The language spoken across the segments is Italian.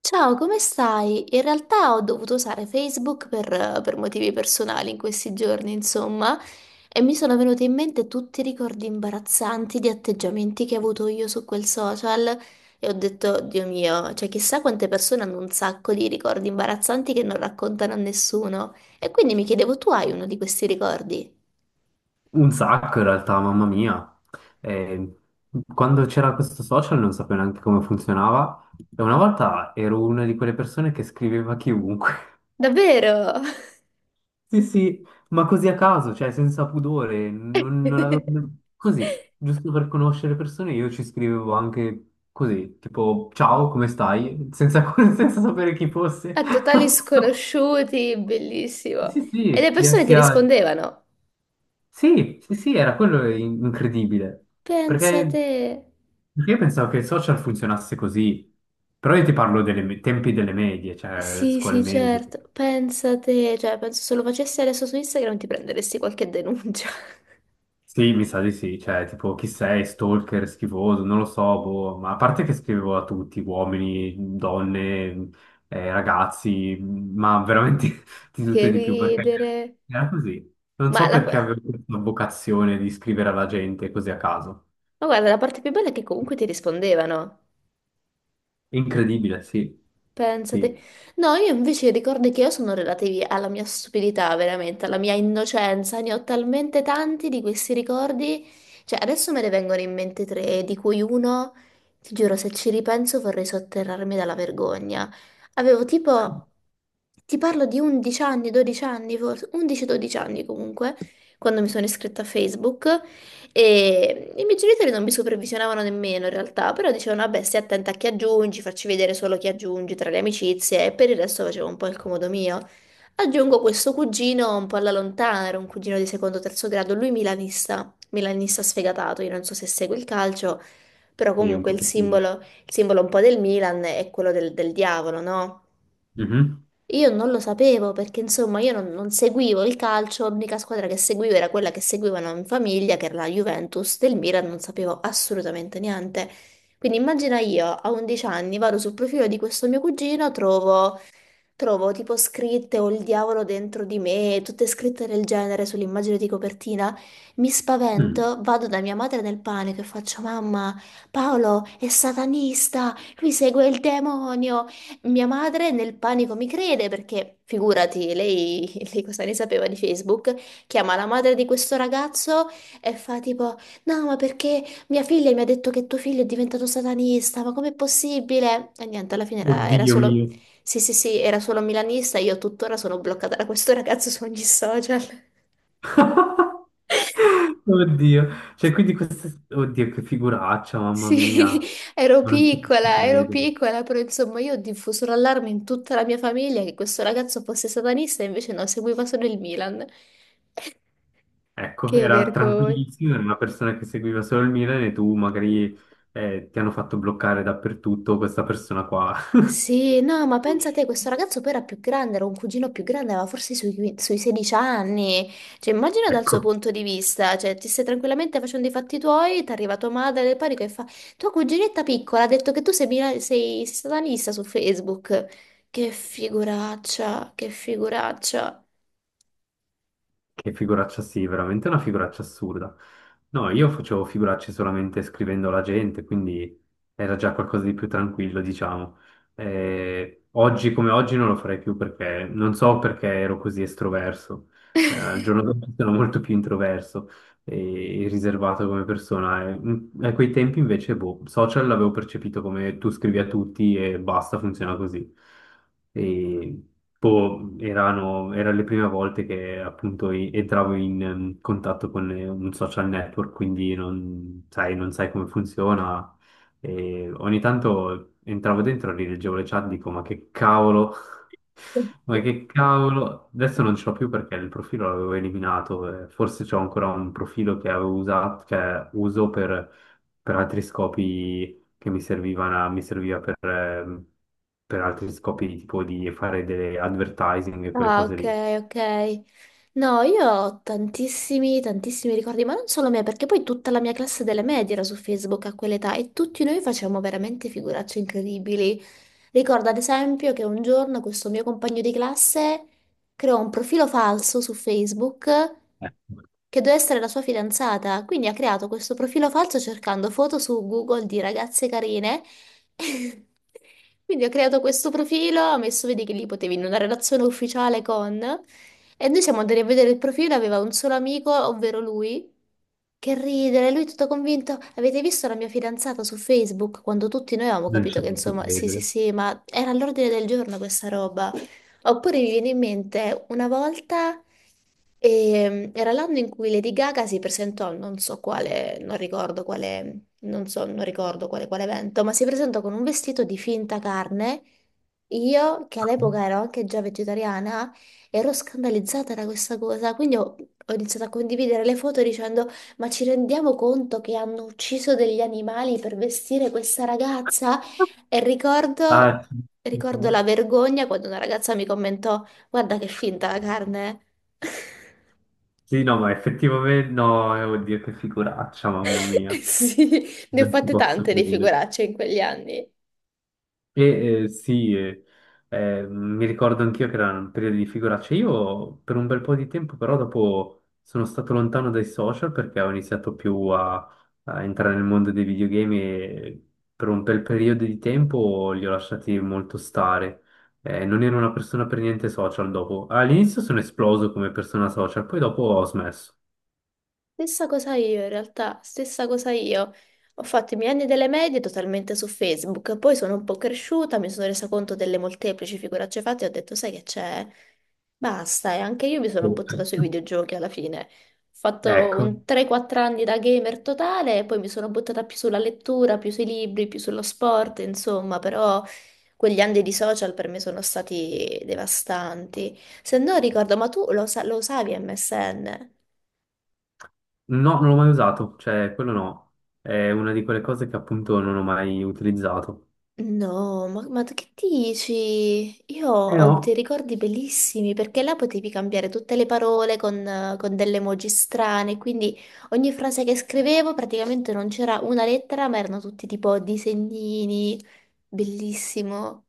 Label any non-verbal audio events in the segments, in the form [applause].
Ciao, come stai? In realtà ho dovuto usare Facebook per motivi personali in questi giorni, insomma, e mi sono venuti in mente tutti i ricordi imbarazzanti di atteggiamenti che ho avuto io su quel social e ho detto, Dio mio, cioè chissà quante persone hanno un sacco di ricordi imbarazzanti che non raccontano a nessuno. E quindi mi chiedevo, tu hai uno di questi ricordi? Un sacco in realtà, mamma mia. Eh, Quando c'era questo social non sapevo neanche come funzionava e una volta ero una di quelle persone che scriveva a chiunque. [laughs] Davvero? Sì, sì, ma così a caso, cioè senza pudore, non avevo... [laughs] Così, giusto per conoscere persone, io ci scrivevo anche così, tipo ciao, come stai? Senza, [laughs] senza sapere chi fosse. A totali [laughs] sconosciuti, bellissimo. Sì, E sì, le persone ti rispondevano. Sì, sì, sì, era incredibile. Pensa Perché te. Perché io pensavo che il social funzionasse così, però io ti parlo dei tempi delle medie, cioè Sì, scuole sì, medie. certo. Pensa te. Cioè, penso se lo facessi adesso su Instagram ti prenderesti qualche denuncia. [laughs] Sì, mi sa di sì, cioè tipo chi sei, stalker, schifoso, non lo so, boh, ma a parte che scrivevo a tutti, uomini, donne, ragazzi, ma veramente [laughs] di tutto Che e di più, perché ridere. era così. Non Ma, so la... ma perché avevo questa vocazione di scrivere alla gente così a caso. guarda, la parte più bella è che comunque ti rispondevano. Incredibile, sì, Pensate. sì, No, io invece i ricordi che io sono relativi alla mia stupidità, veramente, alla mia innocenza. Ne ho talmente tanti di questi ricordi. Cioè, adesso me ne vengono in mente tre, di cui uno, ti giuro, se ci ripenso vorrei sotterrarmi dalla vergogna. Avevo tipo, ti parlo di 11 anni, 12 anni, forse 11-12 anni comunque, quando mi sono iscritta a Facebook. E i miei genitori non mi supervisionavano nemmeno in realtà, però dicevano, vabbè, stai attenta a chi aggiungi, facci vedere solo chi aggiungi tra le amicizie, e per il resto facevo un po' il comodo mio. Aggiungo questo cugino un po' alla lontana, era un cugino di secondo o terzo grado, lui milanista, milanista sfegatato, io non so se segue il calcio, però sì, un comunque pochettino. Il simbolo un po' del Milan è quello del diavolo, no? Mhm. Io non lo sapevo perché insomma io non seguivo il calcio, l'unica squadra che seguivo era quella che seguivano in famiglia, che era la Juventus del Milan, non sapevo assolutamente niente. Quindi immagina io a 11 anni vado sul profilo di questo mio cugino, trovo tipo scritte o il diavolo dentro di me, tutte scritte del genere sull'immagine di copertina. Mi Mm. spavento, vado da mia madre nel panico e faccio: Mamma, Paolo è satanista, lui segue il demonio. Mia madre nel panico mi crede perché, figurati, lei, [laughs] lei cosa ne sapeva di Facebook? Chiama la madre di questo ragazzo e fa tipo: No, ma perché mia figlia mi ha detto che tuo figlio è diventato satanista? Ma com'è possibile? E niente, alla fine era Oddio solo mio. sì, sì, sì, era solo milanista, io tuttora sono bloccata da questo ragazzo su ogni social. [laughs] Oddio, cioè quindi questa... Oddio, che figuraccia, mamma mia, Sì, [laughs] ma non ci posso ero credere. piccola, però insomma io ho diffuso l'allarme in tutta la mia famiglia che questo ragazzo fosse satanista e invece no, seguiva solo il Milan. Ecco, Che era vergogna. tranquillissimo, era una persona che seguiva solo il Milan e tu magari ti hanno fatto bloccare dappertutto questa persona qua. [laughs] Sì, no, ma pensa te, questo ragazzo poi era più grande, era un cugino più grande, aveva forse sui, sui 16 anni. Cioè, immagina dal suo Ecco. punto di vista, cioè, ti stai tranquillamente facendo i fatti tuoi, ti arriva tua madre del panico e fa, tua cuginetta piccola ha detto che tu sei, sei, sei satanista su Facebook. Che figuraccia, che figuraccia. Che figuraccia sì, veramente una figuraccia assurda. No, io facevo figuracce solamente scrivendo alla gente, quindi era già qualcosa di più tranquillo, diciamo. Oggi come oggi non lo farei più perché non so perché ero così estroverso. Al giorno d'oggi sono molto più introverso e riservato come persona. E, a quei tempi invece, boh, social l'avevo percepito come tu scrivi a tutti e basta, funziona così. E boh, erano le prime volte che appunto entravo in contatto con un social network, quindi non sai come funziona. E ogni tanto entravo dentro, rileggevo le chat, dico ma che cavolo, adesso non ce l'ho più perché il profilo l'avevo eliminato, forse c'ho ancora un profilo che avevo usato, che uso per altri scopi che mi servivano, mi serviva per altri scopi tipo di fare delle advertising e quelle Ah, cose ok, lì. ok. No, io ho tantissimi, tantissimi ricordi, ma non solo me, perché poi tutta la mia classe delle medie era su Facebook a quell'età e tutti noi facevamo veramente figuracce incredibili. Ricordo ad esempio che un giorno questo mio compagno di classe creò un profilo falso su Facebook Eh, che doveva essere la sua fidanzata, quindi ha creato questo profilo falso cercando foto su Google di ragazze carine. [laughs] Quindi ho creato questo profilo, ho messo, vedi che lì potevi in una relazione ufficiale con, e noi siamo andati a vedere il profilo, aveva un solo amico, ovvero lui, che ridere, lui tutto convinto, avete visto la mia fidanzata su Facebook? Quando tutti noi avevamo Non capito ci che posso insomma, sì sì credere. sì, ma era all'ordine del giorno questa roba. Oppure mi viene in mente una volta, era l'anno in cui Lady Gaga si presentò, a non so quale, non ricordo quale non so, non ricordo quale, quale evento, ma si presentò con un vestito di finta carne. Io, che all'epoca ero anche già vegetariana, ero scandalizzata da questa cosa, quindi ho iniziato a condividere le foto dicendo: Ma ci rendiamo conto che hanno ucciso degli animali per vestire questa ragazza? E ricordo, Ah, ricordo la vergogna quando una ragazza mi commentò: Guarda che finta la carne! [laughs] sì, no, ma effettivamente no, oddio che figuraccia, mamma mia, Sì, ne ho non ci fatte posso tante di credere. figuracce in quegli anni. E eh, sì, eh, mi ricordo anch'io che era un periodo di figuracce. Io per un bel po' di tempo, però, dopo sono stato lontano dai social perché ho iniziato più a, a entrare nel mondo dei videogame e per un bel periodo di tempo li ho lasciati molto stare. Non ero una persona per niente social dopo. All'inizio sono esploso come persona social, poi dopo ho smesso. Stessa cosa io, in realtà, stessa cosa io. Ho fatto i miei anni delle medie totalmente su Facebook, poi sono un po' cresciuta, mi sono resa conto delle molteplici figuracce fatte e ho detto, sai che c'è? Basta, e anche io mi sono buttata sui [laughs] videogiochi alla fine. Ho fatto Ecco, un 3-4 anni da gamer totale, e poi mi sono buttata più sulla lettura, più sui libri, più sullo sport, insomma, però quegli anni di social per me sono stati devastanti. Se no ricordo, ma tu lo, lo usavi MSN? no, non l'ho mai usato, cioè quello no, è una di quelle cose che appunto non ho mai utilizzato. No, ma tu che dici? Io Eh ho dei no, ricordi bellissimi perché là potevi cambiare tutte le parole con delle emoji strane, quindi ogni frase che scrivevo praticamente non c'era una lettera, ma erano tutti tipo disegnini, bellissimo.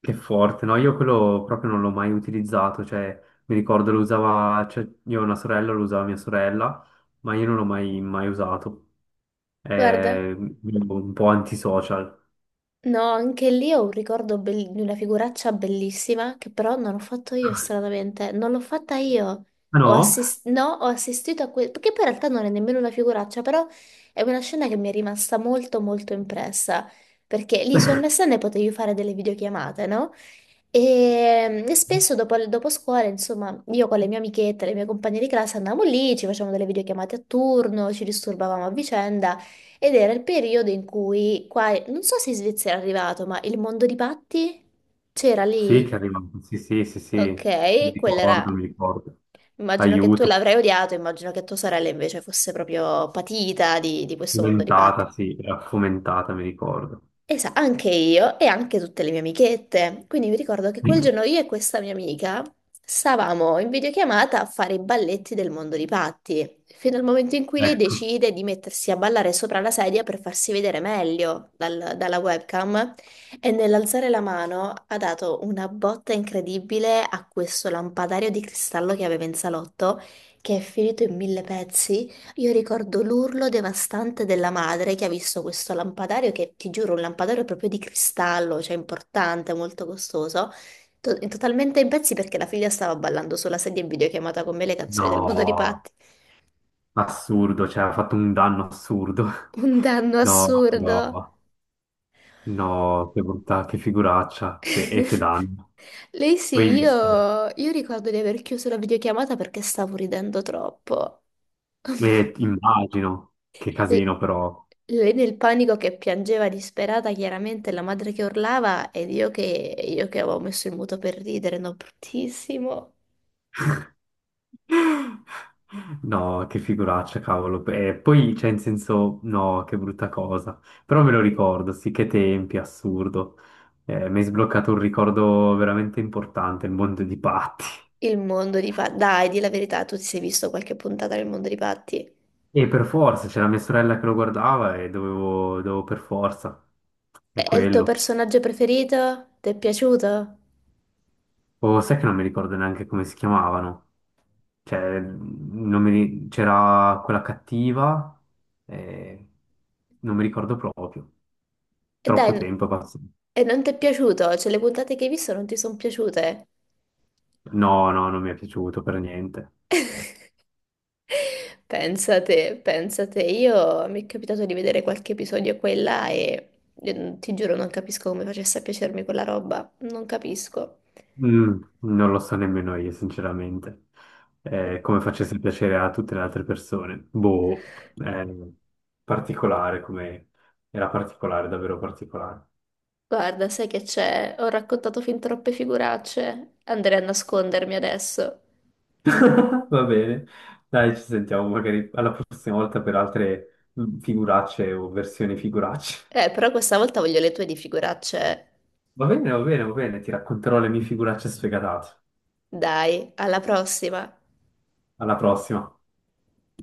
che forte, no? Io quello proprio non l'ho mai utilizzato, cioè mi ricordo lo usava, cioè, io ho una sorella, lo usava mia sorella, ma io non l'ho mai, mai usato. Guarda. È un po' antisocial. No, anche lì ho un ricordo di una figuraccia bellissima che però non ho fatto io stranamente, non l'ho fatta io. Ah Ho no? assis- no, Ho assistito a questo, perché poi in realtà non è nemmeno una figuraccia, però è una scena che mi è rimasta molto molto impressa, perché lì su [laughs] MSN potevi fare delle videochiamate, no? E spesso dopo scuola, insomma, io con le mie amichette, le mie compagne di classe andavamo lì, ci facevamo delle videochiamate a turno, ci disturbavamo a vicenda ed era il periodo in cui qua, non so se in Svizzera è arrivato, ma il mondo di Patti c'era Sì, che è lì? arrivato, sì, sì, sì, sì, mi Ok, quella ricordo, era, mi ricordo. immagino che tu Aiuto, l'avrai odiato, immagino che tua sorella invece fosse proprio patita di questo mondo di Patti. fomentata, sì, era fomentata, mi ricordo. Anche io e anche tutte le mie amichette. Quindi mi ricordo che quel giorno [laughs] io e questa mia amica stavamo in videochiamata a fare i balletti del mondo di Patti, fino al momento in cui lei Ecco, decide di mettersi a ballare sopra la sedia per farsi vedere meglio dalla webcam e nell'alzare la mano ha dato una botta incredibile a questo lampadario di cristallo che aveva in salotto, che è finito in mille pezzi. Io ricordo l'urlo devastante della madre che ha visto questo lampadario, che ti giuro, un lampadario proprio di cristallo, cioè importante, molto costoso, totalmente in pezzi perché la figlia stava ballando sulla sedia in videochiamata con me le canzoni del mondo di no, Patti. assurdo, cioè ha fatto un danno assurdo. [laughs] Un danno No, assurdo. no. No, che bontà, che figuraccia, che, e che [laughs] danno. Lei sì, Poi se- io ricordo di aver chiuso la videochiamata perché stavo ridendo troppo. [laughs] Immagino, che L- casino però. Lei nel panico che piangeva disperata, chiaramente la madre che urlava ed io che avevo messo il muto per ridere, no, bruttissimo. No, che figuraccia, cavolo. E poi, cioè, in senso, no, che brutta cosa. Però me lo ricordo, sì, che tempi, assurdo. Mi hai sbloccato un ricordo veramente importante, il mondo di Patti. Il mondo di Patti. Dai, di la verità, tu ti sei visto qualche puntata del mondo di Patti? E per forza, c'era mia sorella che lo guardava e dovevo, dovevo per forza. È È il tuo quello. personaggio preferito? Ti è piaciuto? O sai che non mi ricordo neanche come si chiamavano. Cioè, non mi ri- c'era quella cattiva, eh, non mi ricordo proprio. E dai, Troppo tempo è passato. e non ti è piaciuto? Cioè, le puntate che hai visto non ti sono piaciute? No, no, non mi è piaciuto per niente. [laughs] Pensate, pensate, io mi è capitato di vedere qualche episodio qua e là e ti giuro non capisco come facesse a piacermi quella roba, non capisco. Non lo so nemmeno io, sinceramente. Come facesse piacere a tutte le altre persone. Boh, eh, particolare come... Era particolare, davvero particolare. Guarda, sai che c'è? Ho raccontato fin troppe figuracce, andrei a nascondermi adesso. [laughs] Va bene, dai, ci sentiamo magari alla prossima volta per altre figuracce o versioni figuracce. Però questa volta voglio le tue di figuracce. Va bene, va bene, va bene, ti racconterò le mie figuracce sfegatate. Dai, alla prossima. Alla prossima.